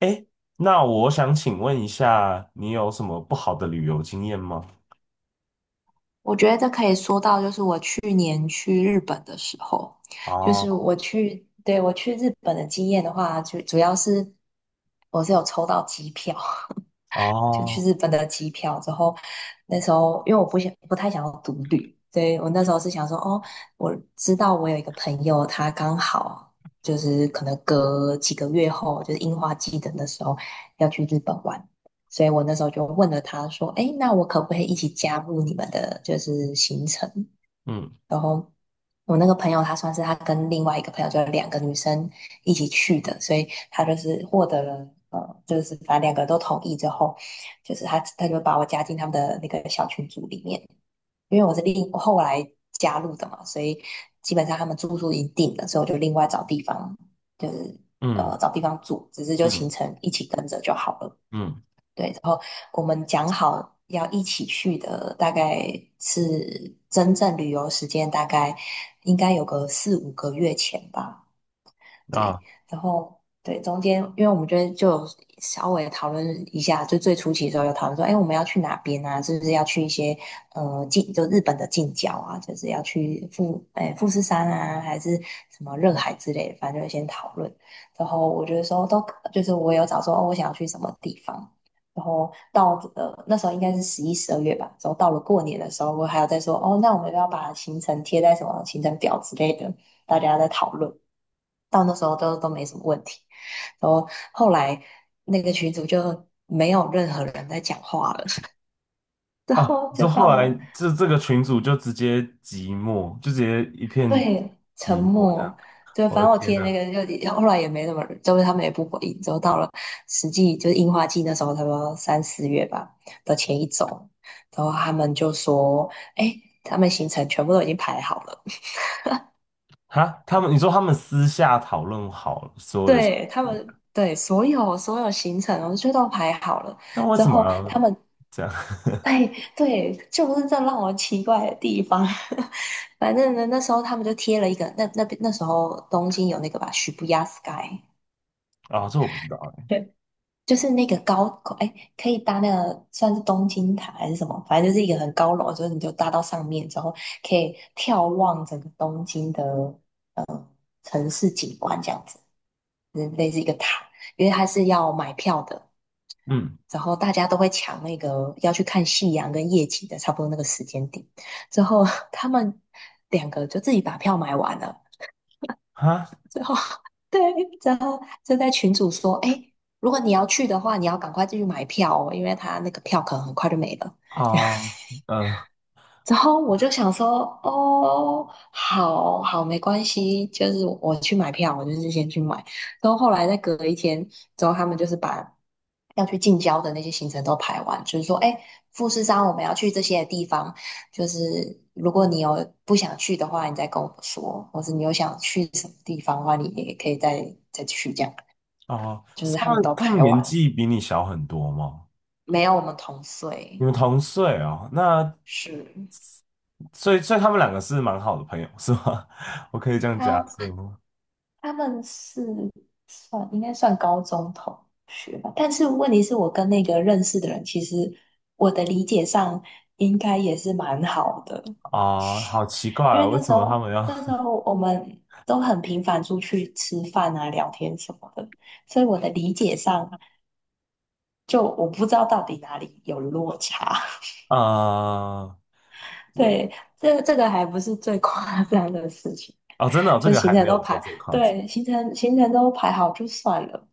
哎，那我想请问一下，你有什么不好的旅游经验吗？我觉得这可以说到，就是我去年去日本的时候，就是哦我去，对，我去日本的经验的话，就主要是我是有抽到机票，就去哦，日本的机票之后，那时候因为我不太想要独旅，所以我那时候是想说，哦，我知道我有一个朋友，他刚好就是可能隔几个月后，就是樱花季的那时候要去日本玩，所以我那时候就问了他说，哎，那我可不可以一起加入你们的就是行程？嗯然后我那个朋友，她算是她跟另外一个朋友，就是两个女生一起去的，所以她就是获得了，就是反正两个人都同意之后，就是她就把我加进他们的那个小群组里面，因为我是后来加入的嘛，所以基本上他们住宿已经定了，所以我就另外找地方，就是嗯找地方住，只是就行嗯程一起跟着就好了。嗯对，然后我们讲好要一起去的，大概是真正旅游时间大概应该有个四五个月前吧。对，啊然后对中间，因为我们觉得就有稍微讨论一下，就最初期的时候有讨论说，哎，我们要去哪边啊？是不是要去一些呃近就日本的近郊啊？就是要去富士山啊，还是什么热海之类的，反正就先讨论。然后我觉得说都可就是我有找说哦，我想要去什么地方。然后到那时候应该是十一、十二月吧，然后到了过年的时候，我还有在说哦，那我们要不要把行程贴在什么行程表之类的，大家在讨论，到那时候都没什么问题。然后后来那个群主就没有任何人在讲话了，之啊！后就说后到来了这个群主就直接寂寞，就直接一片对沉寂寞这样。默。就我反的正我天贴的呐！那个就后来也没什么人，就是他们也不回应。之后到了实际就是樱花季那时候，差不多三四月吧的前一周，然后他们就说：“哎，他们行程全部都已经排好了。”哈，他们你说他们私下讨论好了所有的事，对，他们对所有行程我哦，就都排好了。但为之什么后要他们这样？对，对，就是这让我奇怪的地方。反正呢，那时候他们就贴了一个，那那边那时候东京有那个吧，许不亚 Sky，啊、这我不知道哎、对，就是那个高，哎，可以搭那个算是东京塔还是什么，反正就是一个很高楼，就是你就搭到上面之后，可以眺望整个东京的城市景观这样子，嗯，类似一个塔，因为它是要买票的，嗯，然后大家都会抢那个要去看夕阳跟夜景的，差不多那个时间点。之后 他们两个就自己把票买完了，哈之后 对，然后就在群主说，哎，如果你要去的话，你要赶快进去买票哦，因为他那个票可能很快就没了。啊 呃之后我就想说，哦，好好，没关系，就是我去买票，我就是先去买。然后后来再隔一天之后，他们就是把要去近郊的那些行程都排完，就是说，哎，富士山我们要去这些地方，就是如果你有不想去的话，你再跟我说，或者你有想去什么地方的话，你也可以再去这样。啊，就是他他们们都他们排年完了，纪比你小很多吗？没有我们同岁，你们同岁哦，那是。所以他们两个是蛮好的朋友，是吗？我可以这样假设他吗？他们是算应该算高中同学吧，但是问题是我跟那个认识的人，其实我的理解上应该也是蛮好的，啊、好奇怪因为哦，为那什时么候他们要 那时候我们都很频繁出去吃饭啊、聊天什么的，所以我的理解上就我不知道到底哪里有落差。啊、对，这个还不是最夸张的事情。哦，真的哦、这就个行还程没都有做排，这个夸张。对，行程都排好就算了。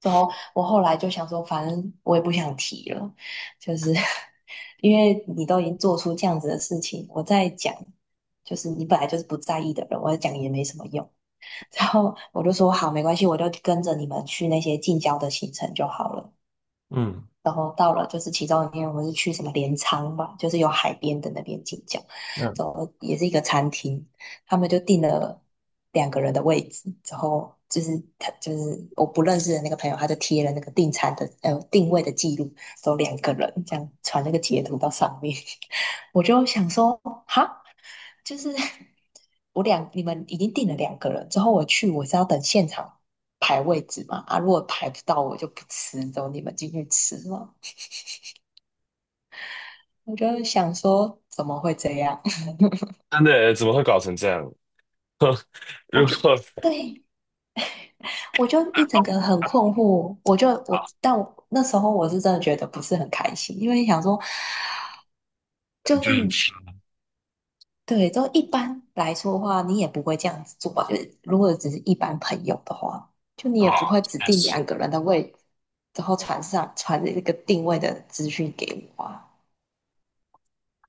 之后我后来就想说，反正我也不想提了，就是 因为你都已经做出这样子的事情，我再讲，就是你本来就是不在意的人，我讲也没什么用。然后我就说好，没关系，我就跟着你们去那些近郊的行程就好了。嗯然后到了就是其中一天，我们是去什么镰仓吧，就是有海边的那边进郊，嗯，之后也是一个餐厅，他们就订了两个人的位置，之后就是我不认识的那个朋友，他就贴了那个订餐的定位的记录，都两个人这样传那个截图到上面，我就想说哈，就是我两你们已经订了两个人，之后我去我是要等现场。排位置嘛，啊，如果排不到我就不吃，走你们进去吃嘛。我就想说，怎么会这样？真的耶，怎么会搞成这样？我如就果对，我就一整个很困惑。我就我，但我那时候我是真的觉得不是很开心，因为想说，就就很是吃对，都一般来说的话，你也不会这样子做吧？就是如果只是一般朋友的话，就你的也话不会指确定实，两个人的位置，然后传一个定位的资讯给我啊。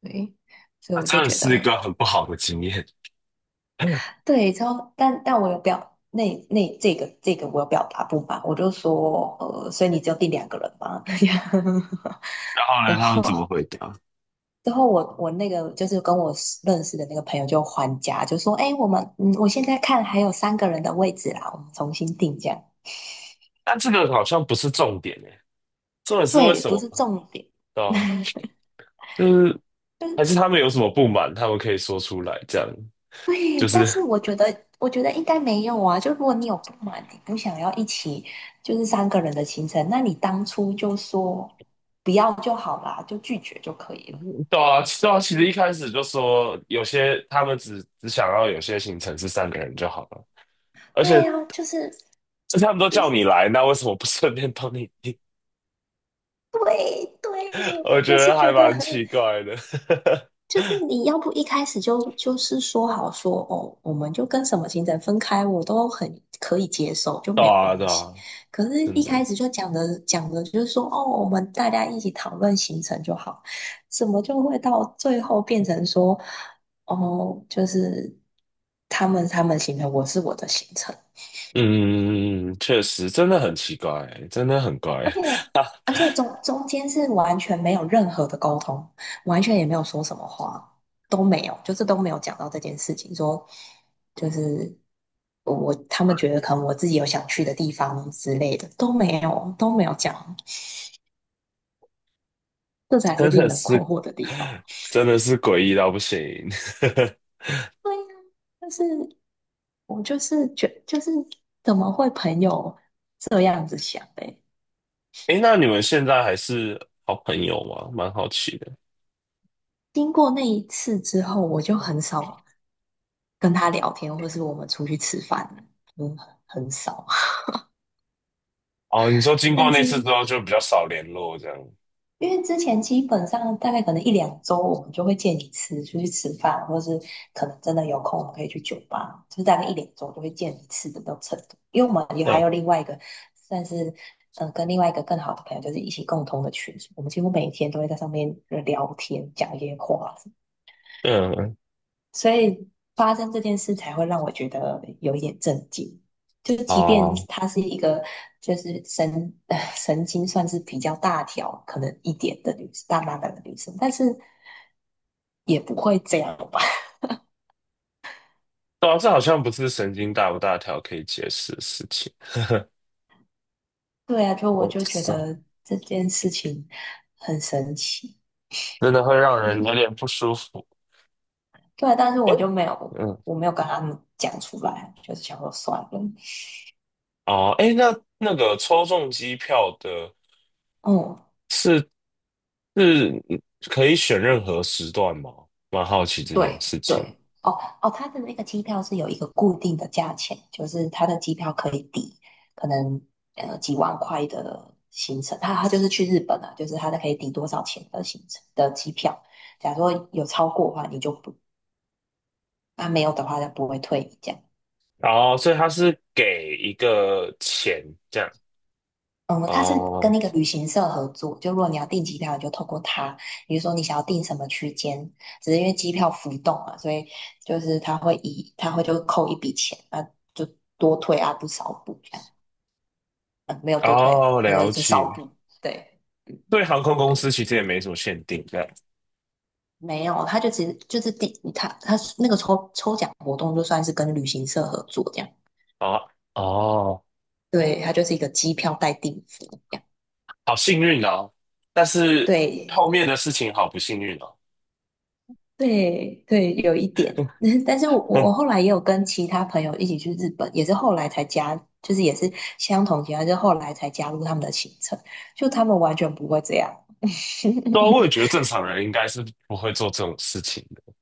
对，所以那我真就的觉是一得个很不好的经验。然对，之后但我有表这个我有表达不满，我就说呃，所以你就有订两个人吗？这样，后然呢，他们后怎么回答？之后我那个就是跟我认识的那个朋友就还价，就说哎，我们嗯，我现在看还有三个人的位置啦，我们重新订这样。但这个好像不是重点诶，重点是为对，什不么？是重点，对啊，就是就是还是他们有什么不满，他们可以说出来，这样对，就但是。 是我觉得应该没有啊，就如果你有不满，你不想要一起就是三个人的行程，那你当初就说不要就好啦，就拒绝就可以了。对啊，对啊，其实一开始就说有些他们只想要有些行程是三个人就好了，而且对呀、就是这他们都就叫是你来，那为什么不顺便帮你订？对 对，我我觉就是得还觉得蛮很，奇怪的，就是你要不一开始就说好说哦，我们就跟什么行程分开，我都很可以接受，就 对没有啊关对系。啊，可是，真一的，开始就讲的就是说哦，我们大家一起讨论行程就好，怎么就会到最后变成说哦，就是他们行程，我是我的行程，嗯嗯嗯嗯，确实真的很奇怪，真的很怪，而且中间是完全没有任何的沟通，完全也没有说什么话，都没有，就是都没有讲到这件事情，说就是他们觉得可能我自己有想去的地方之类的都没有讲，这 才是真令的人困是惑的地方。真的是诡异到不行。对呀，就是我就是觉就是怎么会朋友这样子想的？诶，那你们现在还是好朋友吗？蛮好奇的。经过那一次之后，我就很少跟他聊天，或是我们出去吃饭了嗯，很少。哦，你说 经过但那是次之后就比较少联络这样。因为之前基本上大概可能一两周，我们就会见一次，出去吃饭，或是可能真的有空，我们可以去酒吧，就是大概一两周就会见一次的那种程度。因为我们也还嗯有另外一个算是跟另外一个更好的朋友，就是一起共同的群组我们几乎每天都会在上面聊天，讲一些话。嗯，嗯所以发生这件事才会让我觉得有一点震惊。就即便哦，她是一个就是神 神经算是比较大条，可能一点的女生，大妈的女生，但是也不会这样吧？对啊这好像不是神经大不大条可以解释的事情。对啊，就我我不就觉知道，得这件事情很神奇。真的会让人有点不舒服。对啊，但是哎，我就没有，嗯，我没有跟他们讲出来，就是想说算了。哦，哎，那那个抽中机票的嗯，是是可以选任何时段吗？蛮好奇这件对事情。对，哦哦，他的那个机票是有一个固定的价钱，就是他的机票可以抵可能几万块的行程，他就是去日本啊，就是他的可以抵多少钱的行程的机票，假如说有超过的话，你就不，那没有的话就不会退你这样。哦，所以他是给一个钱这样。嗯，它是跟哦那个旅行社合作，就如果你要订机票，你就透过他。比如说你想要订什么区间，只是因为机票浮动嘛，所以就是他会以他会就扣一笔钱，啊，就多退啊不少补这样，嗯，没有多退，哦，他说了就少解。补，对嗯对航空公司对，其实也没什么限定，这样。没有，他就只是就是第他那个抽奖活动就算是跟旅行社合作这样，啊，哦，对，他就是一个机票代订服这样，好幸运哦！但是后对。面的事情好不幸运哦。对对，有一点，但是我嗯，后来也有跟其他朋友一起去日本，也是后来才加，就是也是相同情况，就是后来才加入他们的行程，就他们完全不会这样，对啊，我也觉得正常人应该是不会做这种事情的，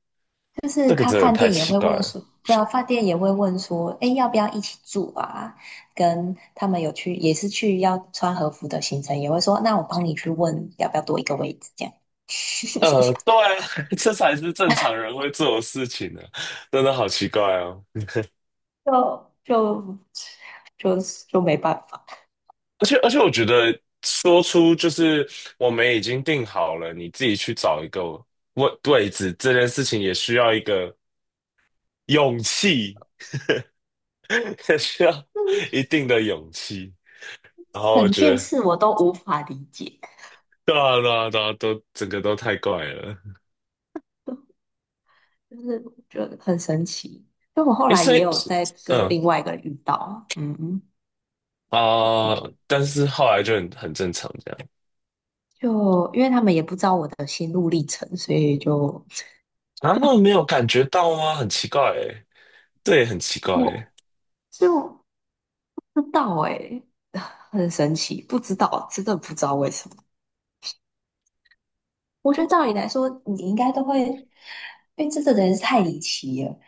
就是这个他真的饭太店也奇会怪问了。说，对啊，饭店也会问说，哎，要不要一起住啊？跟他们有去也是去要穿和服的行程，也会说，那我帮你去问要不要多一个位置，这样 对啊 这才是正常人会做的事情呢、真的好奇怪哦。就就就就没办法。而且，我觉得说出就是我们已经定好了，你自己去找一个位置，这件事情也需要一个勇气，也需要一定的勇气。然后我整觉件得。事我都无法理解，对啊，对啊，对啊，都整个都太怪了。就是觉得很神奇。就我后诶，来所也以，有在跟嗯另外一个人遇到，嗯，啊、但是后来就很正常这样。就因为他们也不知道我的心路历程，所以就啊，他们没有感觉到吗？很奇怪诶，这也很奇怪诶，我就不知道诶、很神奇，不知道，真的不知道为什么。我觉得照理来说，你应该都会，因为这个人是太离奇了，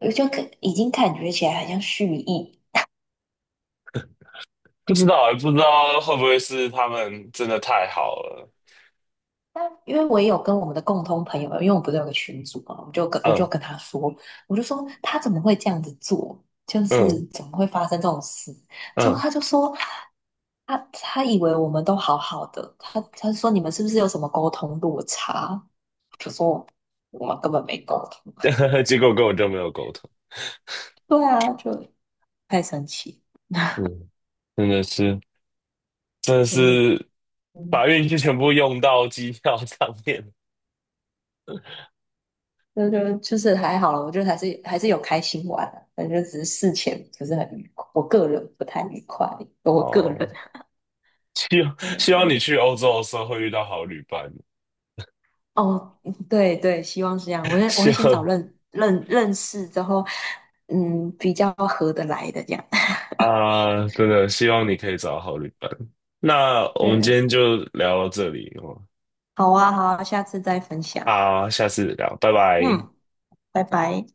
我就可已经感觉起来很像蓄意，不知道诶，不知道会不会是他们真的太好了？但因为我也有跟我们的共同朋友，因为我们不是有个群组嘛，我就跟我就嗯跟他说，我就说他怎么会这样子做，就是嗯怎么会发生这种事？之后他就说，他以为我们都好好的，他说你们是不是有什么沟通落差？我就说我们根本没沟通，嗯，结果跟我就没有沟通。对啊，就太神奇。嗯，真的是，真的是嗯，把运气全部用到机票上面。那就就是还好了，我觉得还是有开心玩啊，反正就只是事前不是很愉快，我个人不太愉快，我个哦，人。希望你嗯，去欧洲的时候会遇到好旅伴，哦，对对，希望是这样。我 会我希会先找望。认识之后，嗯，比较合得来的这样。啊，真的希望你可以找到好旅伴。那我们对，今天就聊到这里哦，好啊，好啊，下次再分享。好，下次聊，拜拜。嗯，拜拜。